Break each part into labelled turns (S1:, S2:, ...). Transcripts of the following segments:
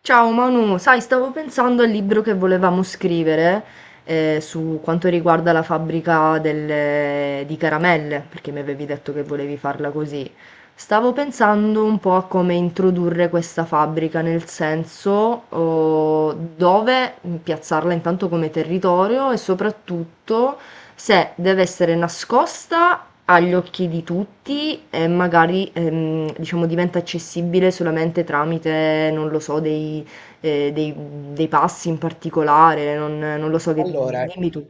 S1: Ciao Manu, sai, stavo pensando al libro che volevamo scrivere su quanto riguarda la fabbrica di caramelle, perché mi avevi detto che volevi farla così. Stavo pensando un po' a come introdurre questa fabbrica, nel senso oh, dove piazzarla intanto come territorio e soprattutto se deve essere nascosta agli occhi di tutti e magari, diciamo, diventa accessibile solamente tramite, non lo so, ehm, dei dei passi in particolare, non lo so, che
S2: Allora,
S1: dimmi tu.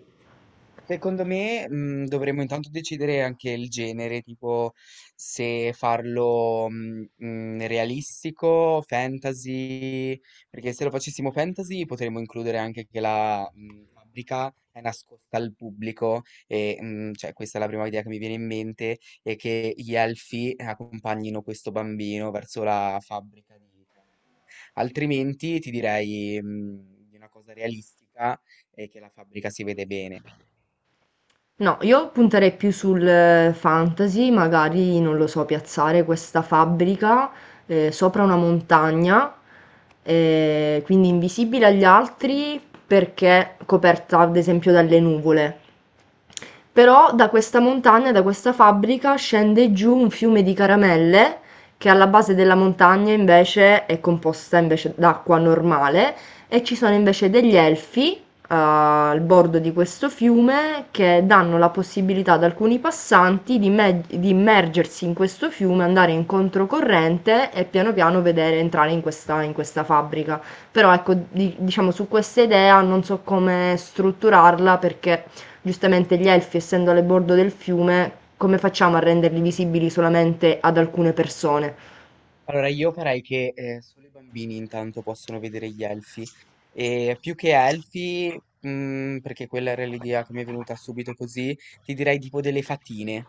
S2: secondo me, dovremmo intanto decidere anche il genere, tipo se farlo realistico, fantasy, perché se lo facessimo fantasy potremmo includere anche che la fabbrica è nascosta al pubblico e cioè, questa è la prima idea che mi viene in mente, e che gli elfi accompagnino questo bambino verso la fabbrica di caramelle. Altrimenti ti direi di una cosa realistica e che la fabbrica si vede bene.
S1: No, io punterei più sul fantasy, magari, non lo so, piazzare questa fabbrica, sopra una montagna, quindi invisibile agli altri perché coperta ad esempio dalle nuvole. Però da questa montagna, da questa fabbrica, scende giù un fiume di caramelle che alla base della montagna invece è composta invece d'acqua normale, e ci sono invece degli elfi al bordo di questo fiume, che danno la possibilità ad alcuni passanti di immergersi in questo fiume, andare in controcorrente e piano piano vedere entrare in questa fabbrica. Però ecco, diciamo, su questa idea non so come strutturarla, perché giustamente gli elfi, essendo alle bordo del fiume, come facciamo a renderli visibili solamente ad alcune persone?
S2: Allora, io farei che solo i bambini intanto possono vedere gli elfi. E più che elfi, perché quella era l'idea che mi è venuta subito così, ti direi tipo delle fatine.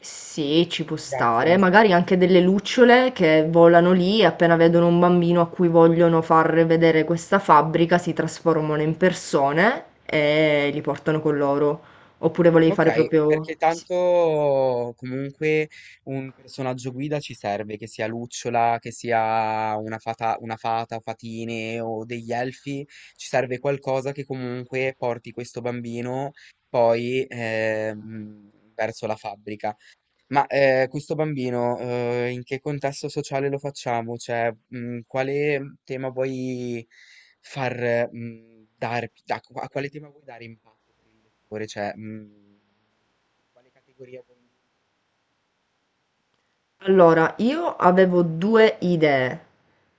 S1: Sì, ci può
S2: Ti
S1: stare,
S2: piacciono?
S1: magari anche delle lucciole che volano lì e appena vedono un bambino a cui vogliono far vedere questa fabbrica si trasformano in persone e li portano con loro. Oppure volevi fare
S2: Ok,
S1: proprio...
S2: perché
S1: Sì.
S2: tanto comunque un personaggio guida ci serve, che sia lucciola, che sia una fata, fatine o degli elfi, ci serve qualcosa che comunque porti questo bambino poi verso la fabbrica. Ma, questo bambino, in che contesto sociale lo facciamo? Cioè, quale tema vuoi far mhmm, dar da q a quale tema vuoi dare impatto per il lettore? Cioè, quale categoria vuoi includere?
S1: Allora, io avevo due idee,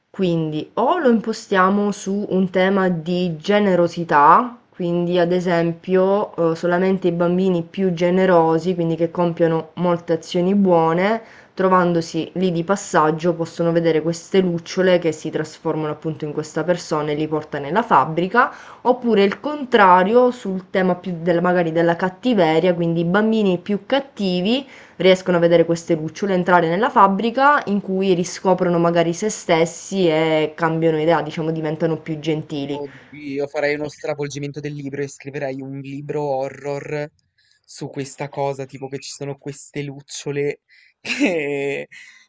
S1: quindi o lo impostiamo su un tema di generosità, quindi ad esempio solamente i bambini più generosi, quindi che compiono molte azioni buone, trovandosi lì di passaggio, possono vedere queste lucciole che si trasformano appunto in questa persona e li porta nella fabbrica, oppure il contrario sul tema più magari della cattiveria, quindi i bambini più cattivi riescono a vedere queste lucciole, entrare nella fabbrica in cui riscoprono magari se stessi e cambiano idea, diciamo diventano più gentili.
S2: Oddio, farai uno stravolgimento del libro e scriverai un libro horror su questa cosa, tipo che ci sono queste lucciole che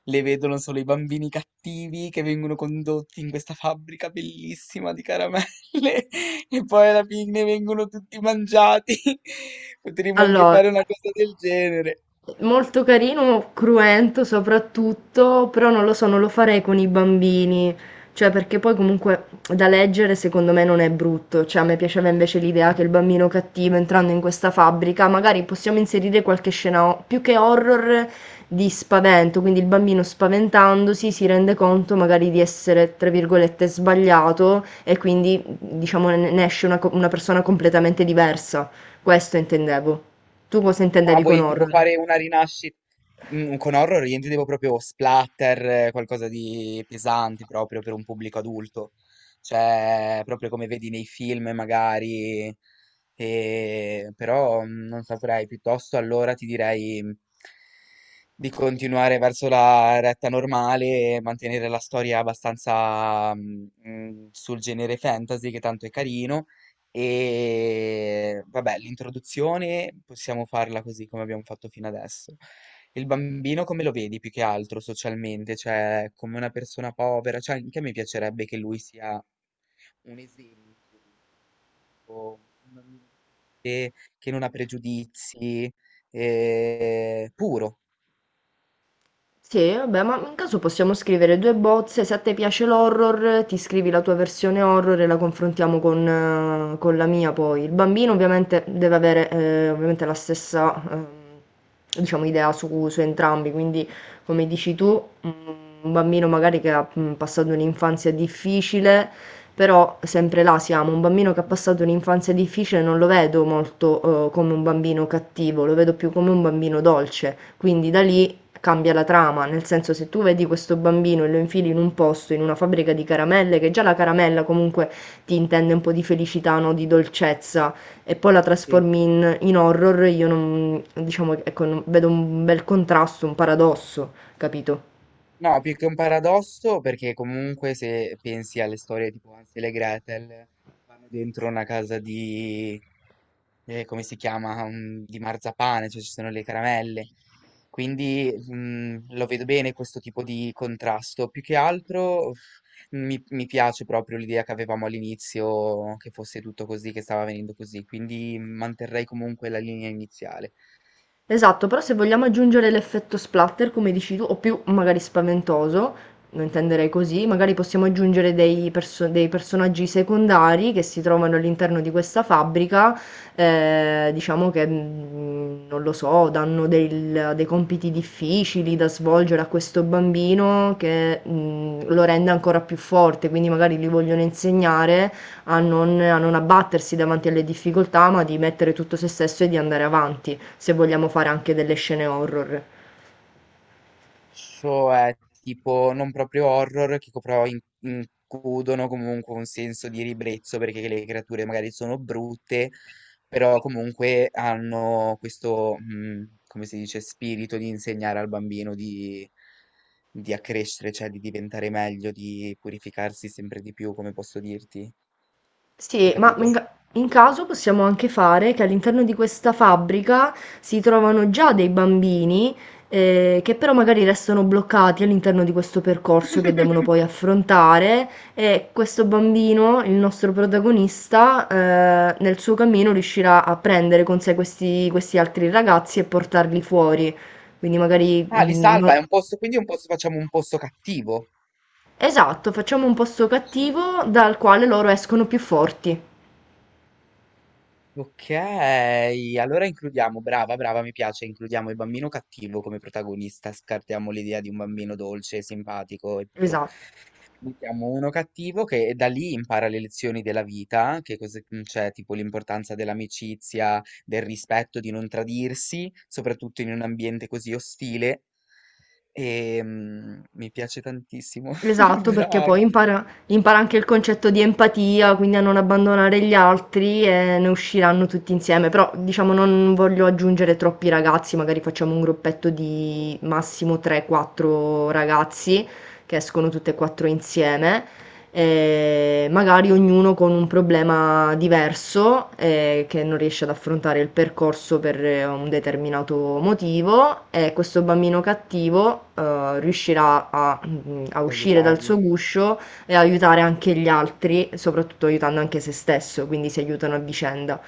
S2: le vedono solo i bambini cattivi, che vengono condotti in questa fabbrica bellissima di caramelle e poi alla fine vengono tutti mangiati. Potremmo anche
S1: Allora,
S2: fare una cosa del genere.
S1: molto carino, cruento soprattutto, però non lo so, non lo farei con i bambini, cioè perché poi comunque da leggere secondo me non è brutto, cioè a me piaceva invece l'idea che il bambino cattivo, entrando in questa fabbrica, magari possiamo inserire qualche scena più che horror di spavento, quindi il bambino, spaventandosi, si rende conto magari di essere, tra virgolette, sbagliato, e quindi diciamo ne esce una una persona completamente diversa. Questo intendevo. Tu cosa
S2: Ah,
S1: intendevi con
S2: vuoi tipo
S1: horror?
S2: fare una rinascita? Con horror io intendevo proprio splatter, qualcosa di pesante proprio per un pubblico adulto. Cioè, proprio come vedi nei film magari. Però non saprei, piuttosto allora ti direi di continuare verso la retta normale e mantenere la storia abbastanza sul genere fantasy, che tanto è carino. E vabbè, l'introduzione possiamo farla così come abbiamo fatto fino adesso. Il bambino come lo vedi più che altro socialmente? Cioè, come una persona povera? Cioè, anche a me piacerebbe che lui sia un esempio, o un bambino che non ha pregiudizi, puro.
S1: Sì, vabbè, ma in caso possiamo scrivere due bozze: se a te piace l'horror, ti scrivi la tua versione horror e la confrontiamo con la mia poi. Il bambino ovviamente deve avere ovviamente la stessa diciamo, idea su entrambi, quindi come dici tu, un bambino magari che ha passato un'infanzia difficile, però sempre là siamo, un bambino che ha passato
S2: Bravissima.
S1: un'infanzia difficile non lo vedo molto come un bambino cattivo, lo vedo più come un bambino dolce, quindi da lì cambia la trama, nel senso, se tu vedi questo bambino e lo infili in un posto, in una fabbrica di caramelle, che già la caramella comunque ti intende un po' di felicità, no? Di dolcezza, e poi la
S2: Sì.
S1: trasformi in horror, io non, diciamo, ecco, vedo un bel contrasto, un paradosso, capito?
S2: No, più che un paradosso, perché comunque se pensi alle storie tipo Hansel e Gretel, vanno dentro una casa di, come si chiama, di marzapane, cioè ci sono le caramelle. Quindi lo vedo bene questo tipo di contrasto. Più che altro uff, mi piace proprio l'idea che avevamo all'inizio, che fosse tutto così, che stava venendo così. Quindi manterrei comunque la linea iniziale.
S1: Esatto, però se vogliamo aggiungere l'effetto splatter, come dici tu, o più magari spaventoso, lo intenderei così: magari possiamo aggiungere dei personaggi secondari che si trovano all'interno di questa fabbrica, diciamo che, non lo so, danno dei compiti difficili da svolgere a questo bambino, che, lo rende ancora più forte, quindi magari gli vogliono insegnare a non abbattersi davanti alle difficoltà, ma di mettere tutto se stesso e di andare avanti, se vogliamo fare anche delle scene horror.
S2: Cioè, tipo, non proprio horror, che però includono comunque un senso di ribrezzo, perché le creature magari sono brutte, però comunque hanno questo, come si dice, spirito di insegnare al bambino di accrescere, cioè di diventare meglio, di purificarsi sempre di più, come posso dirti? Hai
S1: Sì, ma
S2: capito?
S1: in caso possiamo anche fare che all'interno di questa fabbrica si trovano già dei bambini che però magari restano bloccati all'interno di questo percorso che devono poi affrontare, e questo bambino, il nostro protagonista, nel suo cammino riuscirà a prendere con sé questi altri ragazzi e portarli fuori. Quindi magari...
S2: Ah, li
S1: mm, no-
S2: salva, è un posto, quindi è un posto, facciamo un posto cattivo.
S1: Esatto, facciamo un posto cattivo dal quale loro escono più forti.
S2: Ok, allora includiamo, brava, brava, mi piace, includiamo il bambino cattivo come protagonista, scartiamo l'idea di un bambino dolce, simpatico e puro.
S1: Esatto.
S2: Mettiamo uno cattivo che da lì impara le lezioni della vita, che cosa c'è, tipo l'importanza dell'amicizia, del rispetto, di non tradirsi, soprattutto in un ambiente così ostile. E mi piace tantissimo,
S1: Esatto, perché poi
S2: brava,
S1: impara, impara anche il concetto di empatia, quindi a non abbandonare gli altri, e ne usciranno tutti insieme. Però diciamo non voglio aggiungere troppi ragazzi, magari facciamo un gruppetto di massimo 3-4 ragazzi che escono tutte e quattro insieme, magari ognuno con un problema diverso, che non riesce ad affrontare il percorso per un determinato motivo, e questo bambino cattivo riuscirà a
S2: ad
S1: uscire dal
S2: aiutarlo.
S1: suo guscio e aiutare anche gli altri, soprattutto aiutando anche se stesso, quindi si aiutano a vicenda.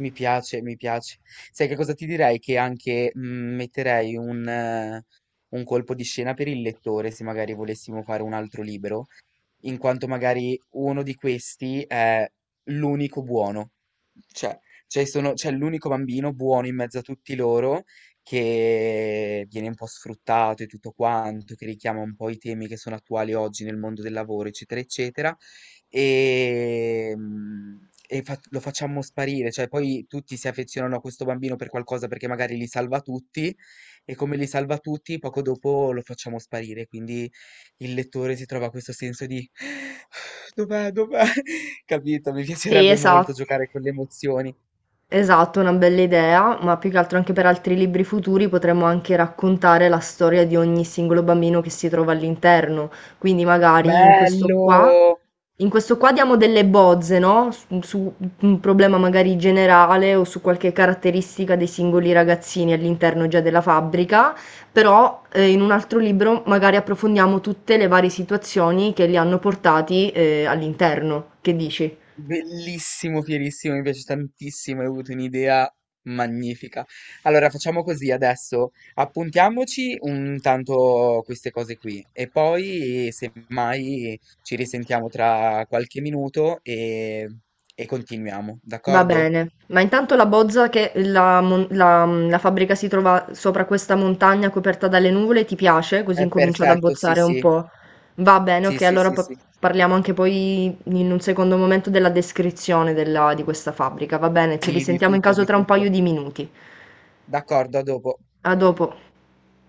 S2: Mi piace, mi piace. Sai che cosa ti direi? Che anche metterei un colpo di scena per il lettore, se magari volessimo fare un altro libro in quanto magari uno di questi è l'unico buono, cioè, cioè c'è l'unico bambino buono in mezzo a tutti loro, che viene un po' sfruttato e tutto quanto, che richiama un po' i temi che sono attuali oggi nel mondo del lavoro, eccetera, eccetera, e lo facciamo sparire, cioè poi tutti si affezionano a questo bambino per qualcosa perché magari li salva tutti, e come li salva tutti, poco dopo lo facciamo sparire, quindi il lettore si trova questo senso di dov'è, dov'è? Capito? Mi
S1: Sì,
S2: piacerebbe molto
S1: esatto.
S2: giocare con le emozioni.
S1: Esatto, una bella idea, ma più che altro anche per altri libri futuri potremmo anche raccontare la storia di ogni singolo bambino che si trova all'interno. Quindi magari in questo qua,
S2: Bello!
S1: in questo qua diamo delle bozze, no? Su un problema magari generale o su qualche caratteristica dei singoli ragazzini all'interno già della fabbrica, però in un altro libro magari approfondiamo tutte le varie situazioni che li hanno portati all'interno. Che dici?
S2: Bellissimo, fierissimo, mi piace tantissimo, hai avuto un'idea magnifica. Allora, facciamo così adesso, appuntiamoci un tanto queste cose qui e poi, semmai, ci risentiamo tra qualche minuto e continuiamo,
S1: Va
S2: d'accordo?
S1: bene, ma intanto la bozza, che la fabbrica si trova sopra questa montagna coperta dalle nuvole, ti piace? Così
S2: È
S1: incomincio ad
S2: perfetto, sì,
S1: abbozzare un
S2: sì,
S1: po'. Va bene,
S2: sì,
S1: ok,
S2: sì,
S1: allora
S2: sì, sì.
S1: parliamo anche poi in un secondo momento della descrizione di questa fabbrica, va bene? Ci
S2: Sì, di
S1: risentiamo in
S2: tutto,
S1: caso
S2: di
S1: tra un paio
S2: tutto.
S1: di minuti.
S2: D'accordo, a dopo.
S1: A dopo.